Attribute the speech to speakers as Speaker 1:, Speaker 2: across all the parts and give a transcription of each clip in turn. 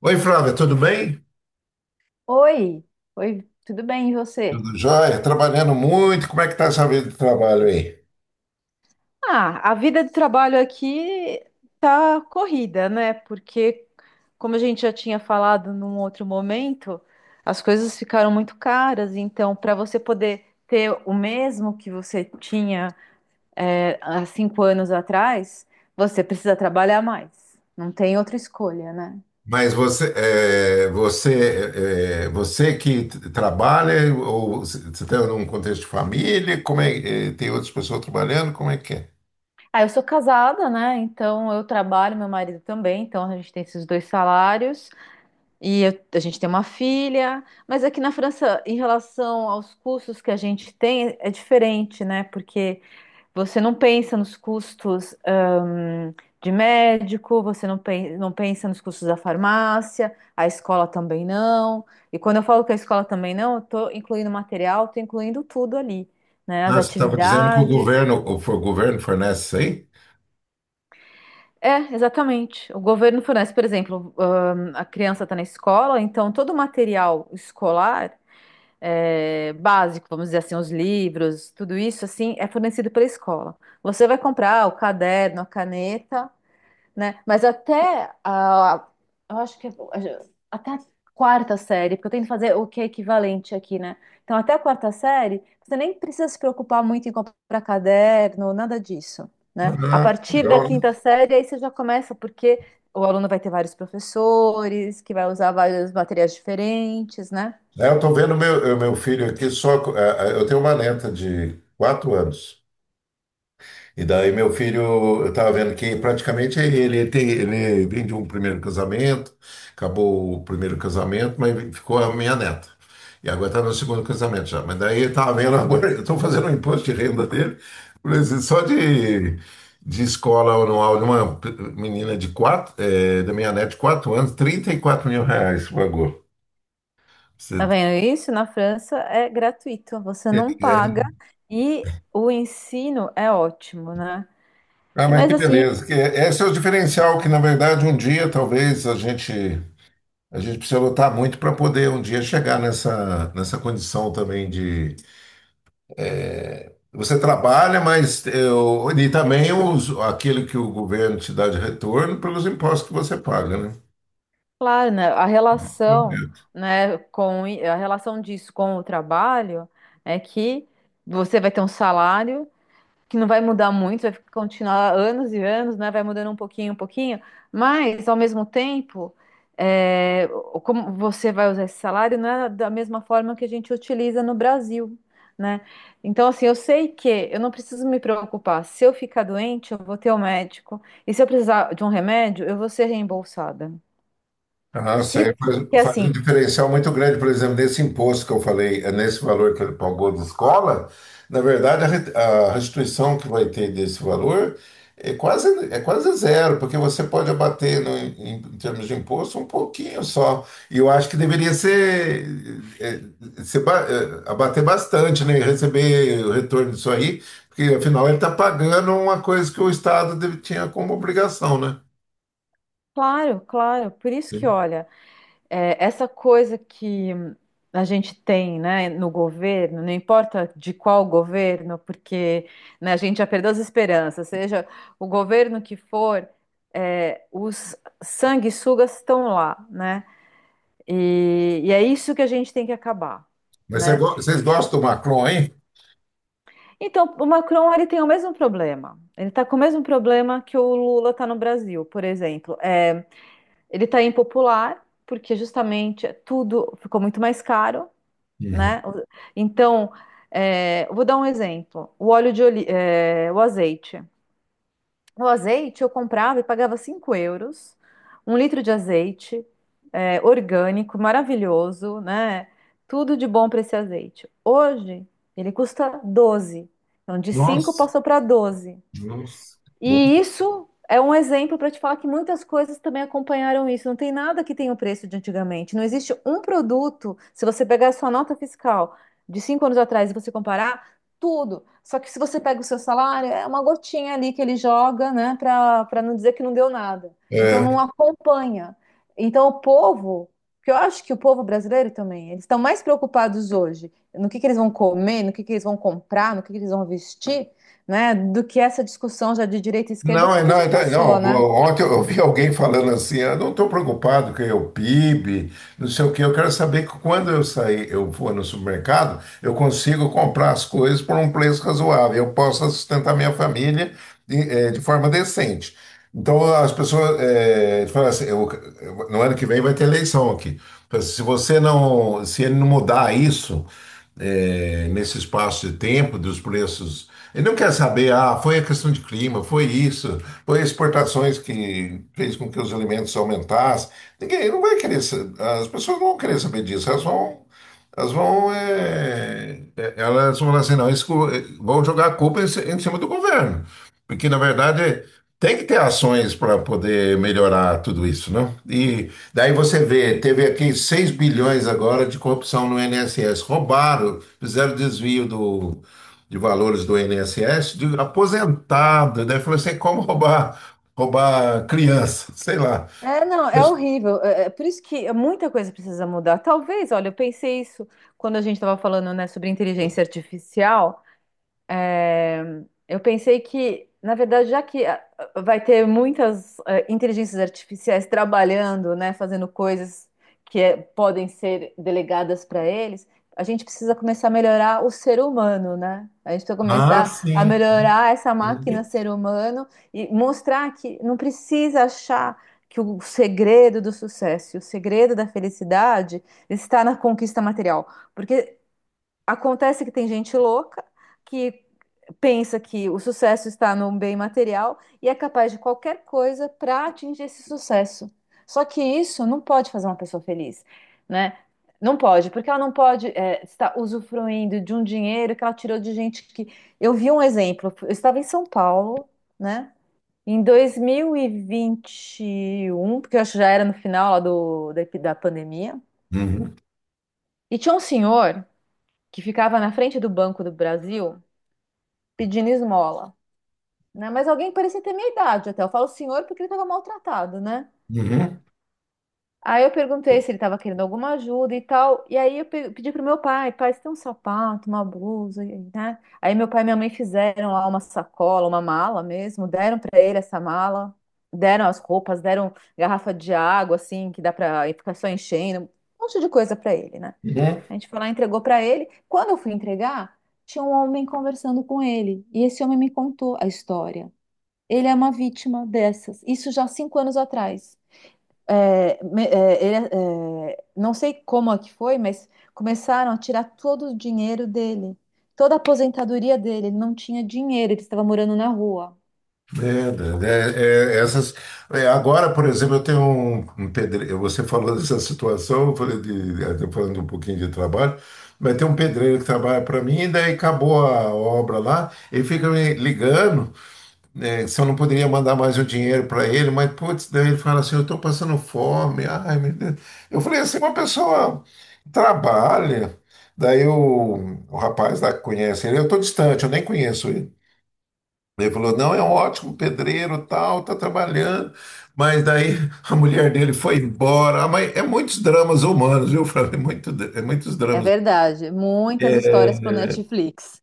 Speaker 1: Oi, Flávia, tudo bem?
Speaker 2: Oi, oi, tudo bem, e você?
Speaker 1: Tudo jóia? Trabalhando muito. Como é que tá essa vida de trabalho aí?
Speaker 2: Ah, a vida de trabalho aqui tá corrida, né? Porque, como a gente já tinha falado num outro momento, as coisas ficaram muito caras. Então, para você poder ter o mesmo que você tinha, há cinco anos atrás, você precisa trabalhar mais. Não tem outra escolha, né?
Speaker 1: Mas você, você, você que trabalha ou você está num contexto de família? Tem outras pessoas trabalhando? Como é que é?
Speaker 2: Ah, eu sou casada, né? Então eu trabalho, meu marido também, então a gente tem esses dois salários. A gente tem uma filha, mas aqui na França, em relação aos custos que a gente tem, é diferente, né? Porque você não pensa nos custos, de médico, você não pensa nos custos da farmácia, a escola também não. E quando eu falo que a escola também não, eu tô incluindo material, tô incluindo tudo ali, né?
Speaker 1: Ah,
Speaker 2: As
Speaker 1: você estava dizendo que o
Speaker 2: atividades.
Speaker 1: governo, o governo fornece isso aí?
Speaker 2: É, exatamente. O governo fornece, por exemplo, a criança está na escola, então todo o material escolar é, básico, vamos dizer assim, os livros, tudo isso assim é fornecido pela escola. Você vai comprar o caderno, a caneta, né? Mas eu acho que é- até a quarta série, porque eu tento fazer o que é equivalente aqui, né? Então até a quarta série, você nem precisa se preocupar muito em comprar caderno, nada disso, né? A
Speaker 1: Ah,
Speaker 2: partir da
Speaker 1: legal, né?
Speaker 2: quinta série aí você já começa porque o aluno vai ter vários professores, que vai usar vários materiais diferentes, né?
Speaker 1: É, eu estou vendo meu filho aqui só. Eu tenho uma neta de quatro anos. E daí meu filho, eu estava vendo que praticamente ele vem de um primeiro casamento, acabou o primeiro casamento, mas ficou a minha neta. E agora está no segundo casamento já. Mas daí eu estava vendo agora, eu estou fazendo o imposto de renda dele, por exemplo, de escola anual de uma menina de quatro, da minha neta de quatro anos, 34 mil reais pagou.
Speaker 2: Tá
Speaker 1: Você
Speaker 2: vendo isso? Na França é gratuito, você
Speaker 1: é.
Speaker 2: não paga e o ensino é ótimo, né?
Speaker 1: Ah,
Speaker 2: E
Speaker 1: mas
Speaker 2: mas
Speaker 1: que
Speaker 2: assim,
Speaker 1: beleza. Esse é o diferencial que, na verdade, um dia talvez a gente. A gente precisa lutar muito para poder um dia chegar nessa condição também de. Você trabalha, mas eu, e também os, aquilo que o governo te dá de retorno pelos impostos que você paga, né?
Speaker 2: claro, né, a relação, né, com a relação disso com o trabalho é que você vai ter um salário que não vai mudar muito, vai continuar anos e anos, né? Vai mudando um pouquinho, mas ao mesmo tempo, é, como você vai usar esse salário não é da mesma forma que a gente utiliza no Brasil, né? Então, assim, eu sei que eu não preciso me preocupar. Se eu ficar doente, eu vou ter o médico, e se eu precisar de um remédio, eu vou ser reembolsada.
Speaker 1: Ah, sei.
Speaker 2: Se, Porque
Speaker 1: Faz um
Speaker 2: assim,
Speaker 1: diferencial muito grande, por exemplo, nesse imposto que eu falei, é nesse valor que ele pagou de escola, na verdade, a restituição que vai ter desse valor é quase, é quase zero, porque você pode abater no, em, em termos de imposto um pouquinho só. E eu acho que deveria ser, é, ser abater bastante, né? E receber o retorno disso aí, porque afinal ele está pagando uma coisa que o Estado tinha como obrigação, né?
Speaker 2: claro, claro, por isso que
Speaker 1: Sim.
Speaker 2: olha. É, essa coisa que a gente tem, né, no governo, não importa de qual governo, porque né, a gente já perdeu as esperanças, seja o governo que for, é, os sanguessugas estão lá, né? E é isso que a gente tem que acabar,
Speaker 1: Mas você
Speaker 2: né?
Speaker 1: vocês gostam do Macron, hein?
Speaker 2: Então, o Macron, ele tem o mesmo problema. Ele está com o mesmo problema que o Lula está no Brasil, por exemplo. É, ele está impopular, porque justamente tudo ficou muito mais caro,
Speaker 1: Uhum.
Speaker 2: né? Então, é, eu vou dar um exemplo. O óleo de oli- é, O azeite. O azeite eu comprava e pagava 5 euros, um litro de azeite, é, orgânico, maravilhoso, né? Tudo de bom para esse azeite. Hoje ele custa 12. Então, de 5
Speaker 1: Nossa,
Speaker 2: passou para 12,
Speaker 1: nossa.
Speaker 2: e isso é um exemplo para te falar que muitas coisas também acompanharam isso. Não tem nada que tenha o preço de antigamente. Não existe um produto, se você pegar a sua nota fiscal de 5 anos atrás e você comparar, tudo. Só que se você pega o seu salário, é uma gotinha ali que ele joga, né, para não dizer que não deu nada. Então não
Speaker 1: É.
Speaker 2: acompanha. Então o povo, que eu acho que o povo brasileiro também, eles estão mais preocupados hoje no que eles vão comer, no que eles vão comprar, no que eles vão vestir, né, do que essa discussão já de direita e esquerda, porque já
Speaker 1: Não.
Speaker 2: cansou, né?
Speaker 1: Ontem eu vi alguém falando assim, eu não estou preocupado com o PIB, não sei o quê. Eu quero saber que quando eu sair, eu for no supermercado, eu consigo comprar as coisas por um preço razoável. Eu posso sustentar minha família de forma decente. Então as pessoas falam assim, no ano que vem vai ter eleição aqui. Fala assim, se ele não mudar isso nesse espaço de tempo dos preços. Ele não quer saber, ah, foi a questão de clima, foi isso, foi exportações que fez com que os alimentos aumentassem. Ninguém não vai querer, sa- as pessoas não vão querer saber disso, elas vão, elas vão falar assim, não, isso, co- vão jogar a culpa em cima do governo. Porque, na verdade, tem que ter ações para poder melhorar tudo isso, não? E daí você vê, teve aqui 6 bilhões agora de corrupção no INSS. Roubaram, fizeram desvio de valores do INSS, de aposentado, né? Falou assim, "É como roubar, roubar criança, sei lá.
Speaker 2: É, não, é
Speaker 1: Mas-
Speaker 2: horrível. É por isso que muita coisa precisa mudar. Talvez, olha, eu pensei isso quando a gente estava falando, né, sobre inteligência artificial. Eu pensei que, na verdade, já que vai ter muitas inteligências artificiais trabalhando, né, fazendo coisas que podem ser delegadas para eles, a gente precisa começar a melhorar o ser humano, né? A gente precisa
Speaker 1: Ah,
Speaker 2: começar a
Speaker 1: sim, sim,
Speaker 2: melhorar essa máquina
Speaker 1: sim.
Speaker 2: ser humano e mostrar que não precisa achar que o segredo do sucesso, o segredo da felicidade está na conquista material, porque acontece que tem gente louca que pensa que o sucesso está no bem material e é capaz de qualquer coisa para atingir esse sucesso. Só que isso não pode fazer uma pessoa feliz, né? Não pode, porque ela não pode é, estar usufruindo de um dinheiro que ela tirou de gente que. Eu vi um exemplo, eu estava em São Paulo, né? Em dois mil e vinte e um, porque eu acho que já era no final lá do, da pandemia,
Speaker 1: Uhum,
Speaker 2: e tinha um senhor que ficava na frente do Banco do Brasil pedindo esmola. Né? Mas alguém que parecia ter minha idade até. Eu falo senhor porque ele estava maltratado, né?
Speaker 1: uhum,
Speaker 2: Aí eu perguntei se ele estava querendo alguma ajuda e tal. E aí eu pedi pro meu pai, pai, você tem um sapato, uma blusa, e- né? Aí meu pai e minha mãe fizeram lá uma sacola, uma mala mesmo, deram para ele essa mala, deram as roupas, deram garrafa de água assim, que dá para ficar só enchendo, um monte de coisa para ele, né?
Speaker 1: uhum.
Speaker 2: A gente foi lá e entregou para ele. Quando eu fui entregar, tinha um homem conversando com ele, e esse homem me contou a história. Ele é uma vítima dessas. Isso já há 5 anos atrás. Não sei como é que foi, mas começaram a tirar todo o dinheiro dele, toda a aposentadoria dele. Ele não tinha dinheiro, ele estava morando na rua.
Speaker 1: É, é, essas, é, agora, por exemplo, eu tenho um pedreiro. Você falou dessa situação, eu tô falando um pouquinho de trabalho, mas tem um pedreiro que trabalha para mim, e daí acabou a obra lá, ele fica me ligando, né, se eu não poderia mandar mais o dinheiro para ele, mas putz, daí ele fala assim: eu estou passando fome, ai meu Deus. Eu falei assim: uma pessoa trabalha, daí o rapaz lá que conhece ele, eu estou distante, eu nem conheço ele. Ele falou, não, é um ótimo pedreiro, tal, tá trabalhando. Mas daí a mulher dele foi embora. Ah, mas é muitos dramas humanos, viu, Flávio? É muito, é muitos
Speaker 2: É
Speaker 1: dramas.
Speaker 2: verdade. Muitas
Speaker 1: É,
Speaker 2: histórias pro Netflix.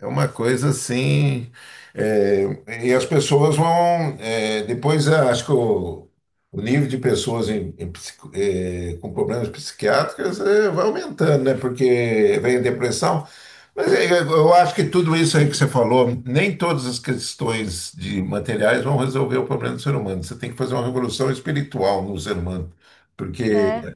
Speaker 1: é uma coisa assim. É, e as pessoas vão. Acho que o nível de pessoas em com problemas psiquiátricos vai aumentando, né? Porque vem a depressão. Mas eu acho que tudo isso aí que você falou, nem todas as questões de materiais vão resolver o problema do ser humano. Você tem que fazer uma revolução espiritual no ser humano, porque
Speaker 2: É.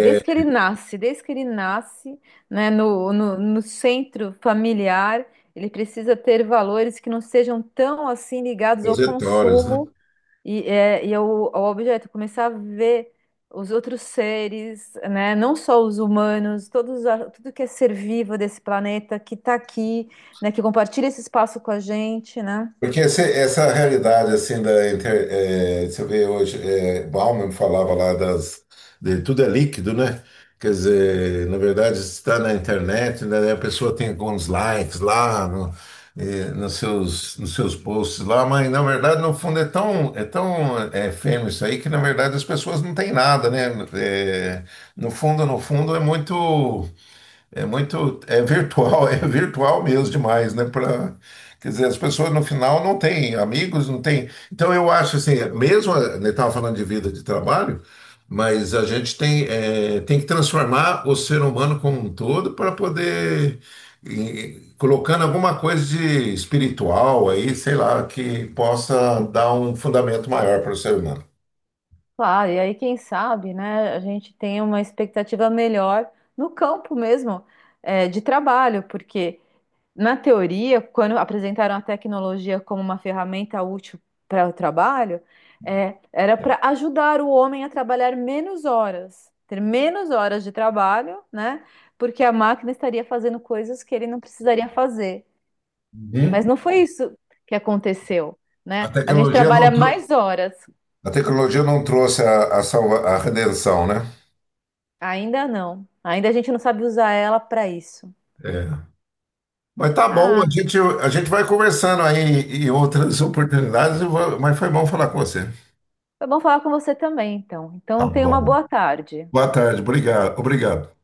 Speaker 2: Desde que ele nasce, desde que ele nasce, né, no centro familiar, ele precisa ter valores que não sejam tão assim ligados
Speaker 1: as
Speaker 2: ao
Speaker 1: trajetórias,
Speaker 2: consumo. O objeto, começar a ver os outros seres, né? Não só os humanos, todos, a- tudo que é ser vivo desse planeta que está aqui, né? Que compartilha esse espaço com a gente, né?
Speaker 1: porque essa realidade assim você vê hoje, Bauman falava lá das de tudo é líquido, né? Quer dizer, na verdade está na internet, né? A pessoa tem alguns likes lá no- eh, nos seus posts lá, mas na verdade no fundo é tão efêmero isso aí que na verdade as pessoas não têm nada, né? No fundo, no fundo é muito é muito, é virtual, é virtual mesmo demais, né? Pra, quer dizer, as pessoas no final não têm amigos, não têm. Então eu acho assim, mesmo ele estava falando de vida de trabalho, mas a gente tem, é, tem que transformar o ser humano como um todo para poder e, colocando alguma coisa de espiritual aí, sei lá, que possa dar um fundamento maior para o ser humano.
Speaker 2: Claro, e aí quem sabe, né? A gente tem uma expectativa melhor no campo mesmo, é, de trabalho, porque na teoria, quando apresentaram a tecnologia como uma ferramenta útil para o trabalho, é, era para ajudar o homem a trabalhar menos horas, ter menos horas de trabalho, né? Porque a máquina estaria fazendo coisas que ele não precisaria fazer. Mas
Speaker 1: Uhum.
Speaker 2: não foi isso que aconteceu,
Speaker 1: A
Speaker 2: né? A gente
Speaker 1: tecnologia não,
Speaker 2: trabalha
Speaker 1: trou-
Speaker 2: mais horas.
Speaker 1: a tecnologia não trouxe a a redenção, né?
Speaker 2: Ainda não. Ainda a gente não sabe usar ela para isso.
Speaker 1: É. Mas tá bom,
Speaker 2: Ah,
Speaker 1: a gente vai conversando aí em outras oportunidades, mas foi bom falar com você.
Speaker 2: foi bom falar com você também, então.
Speaker 1: Tá
Speaker 2: Então, tenha uma
Speaker 1: bom.
Speaker 2: boa tarde.
Speaker 1: Boa tarde, obrigado, obrigado.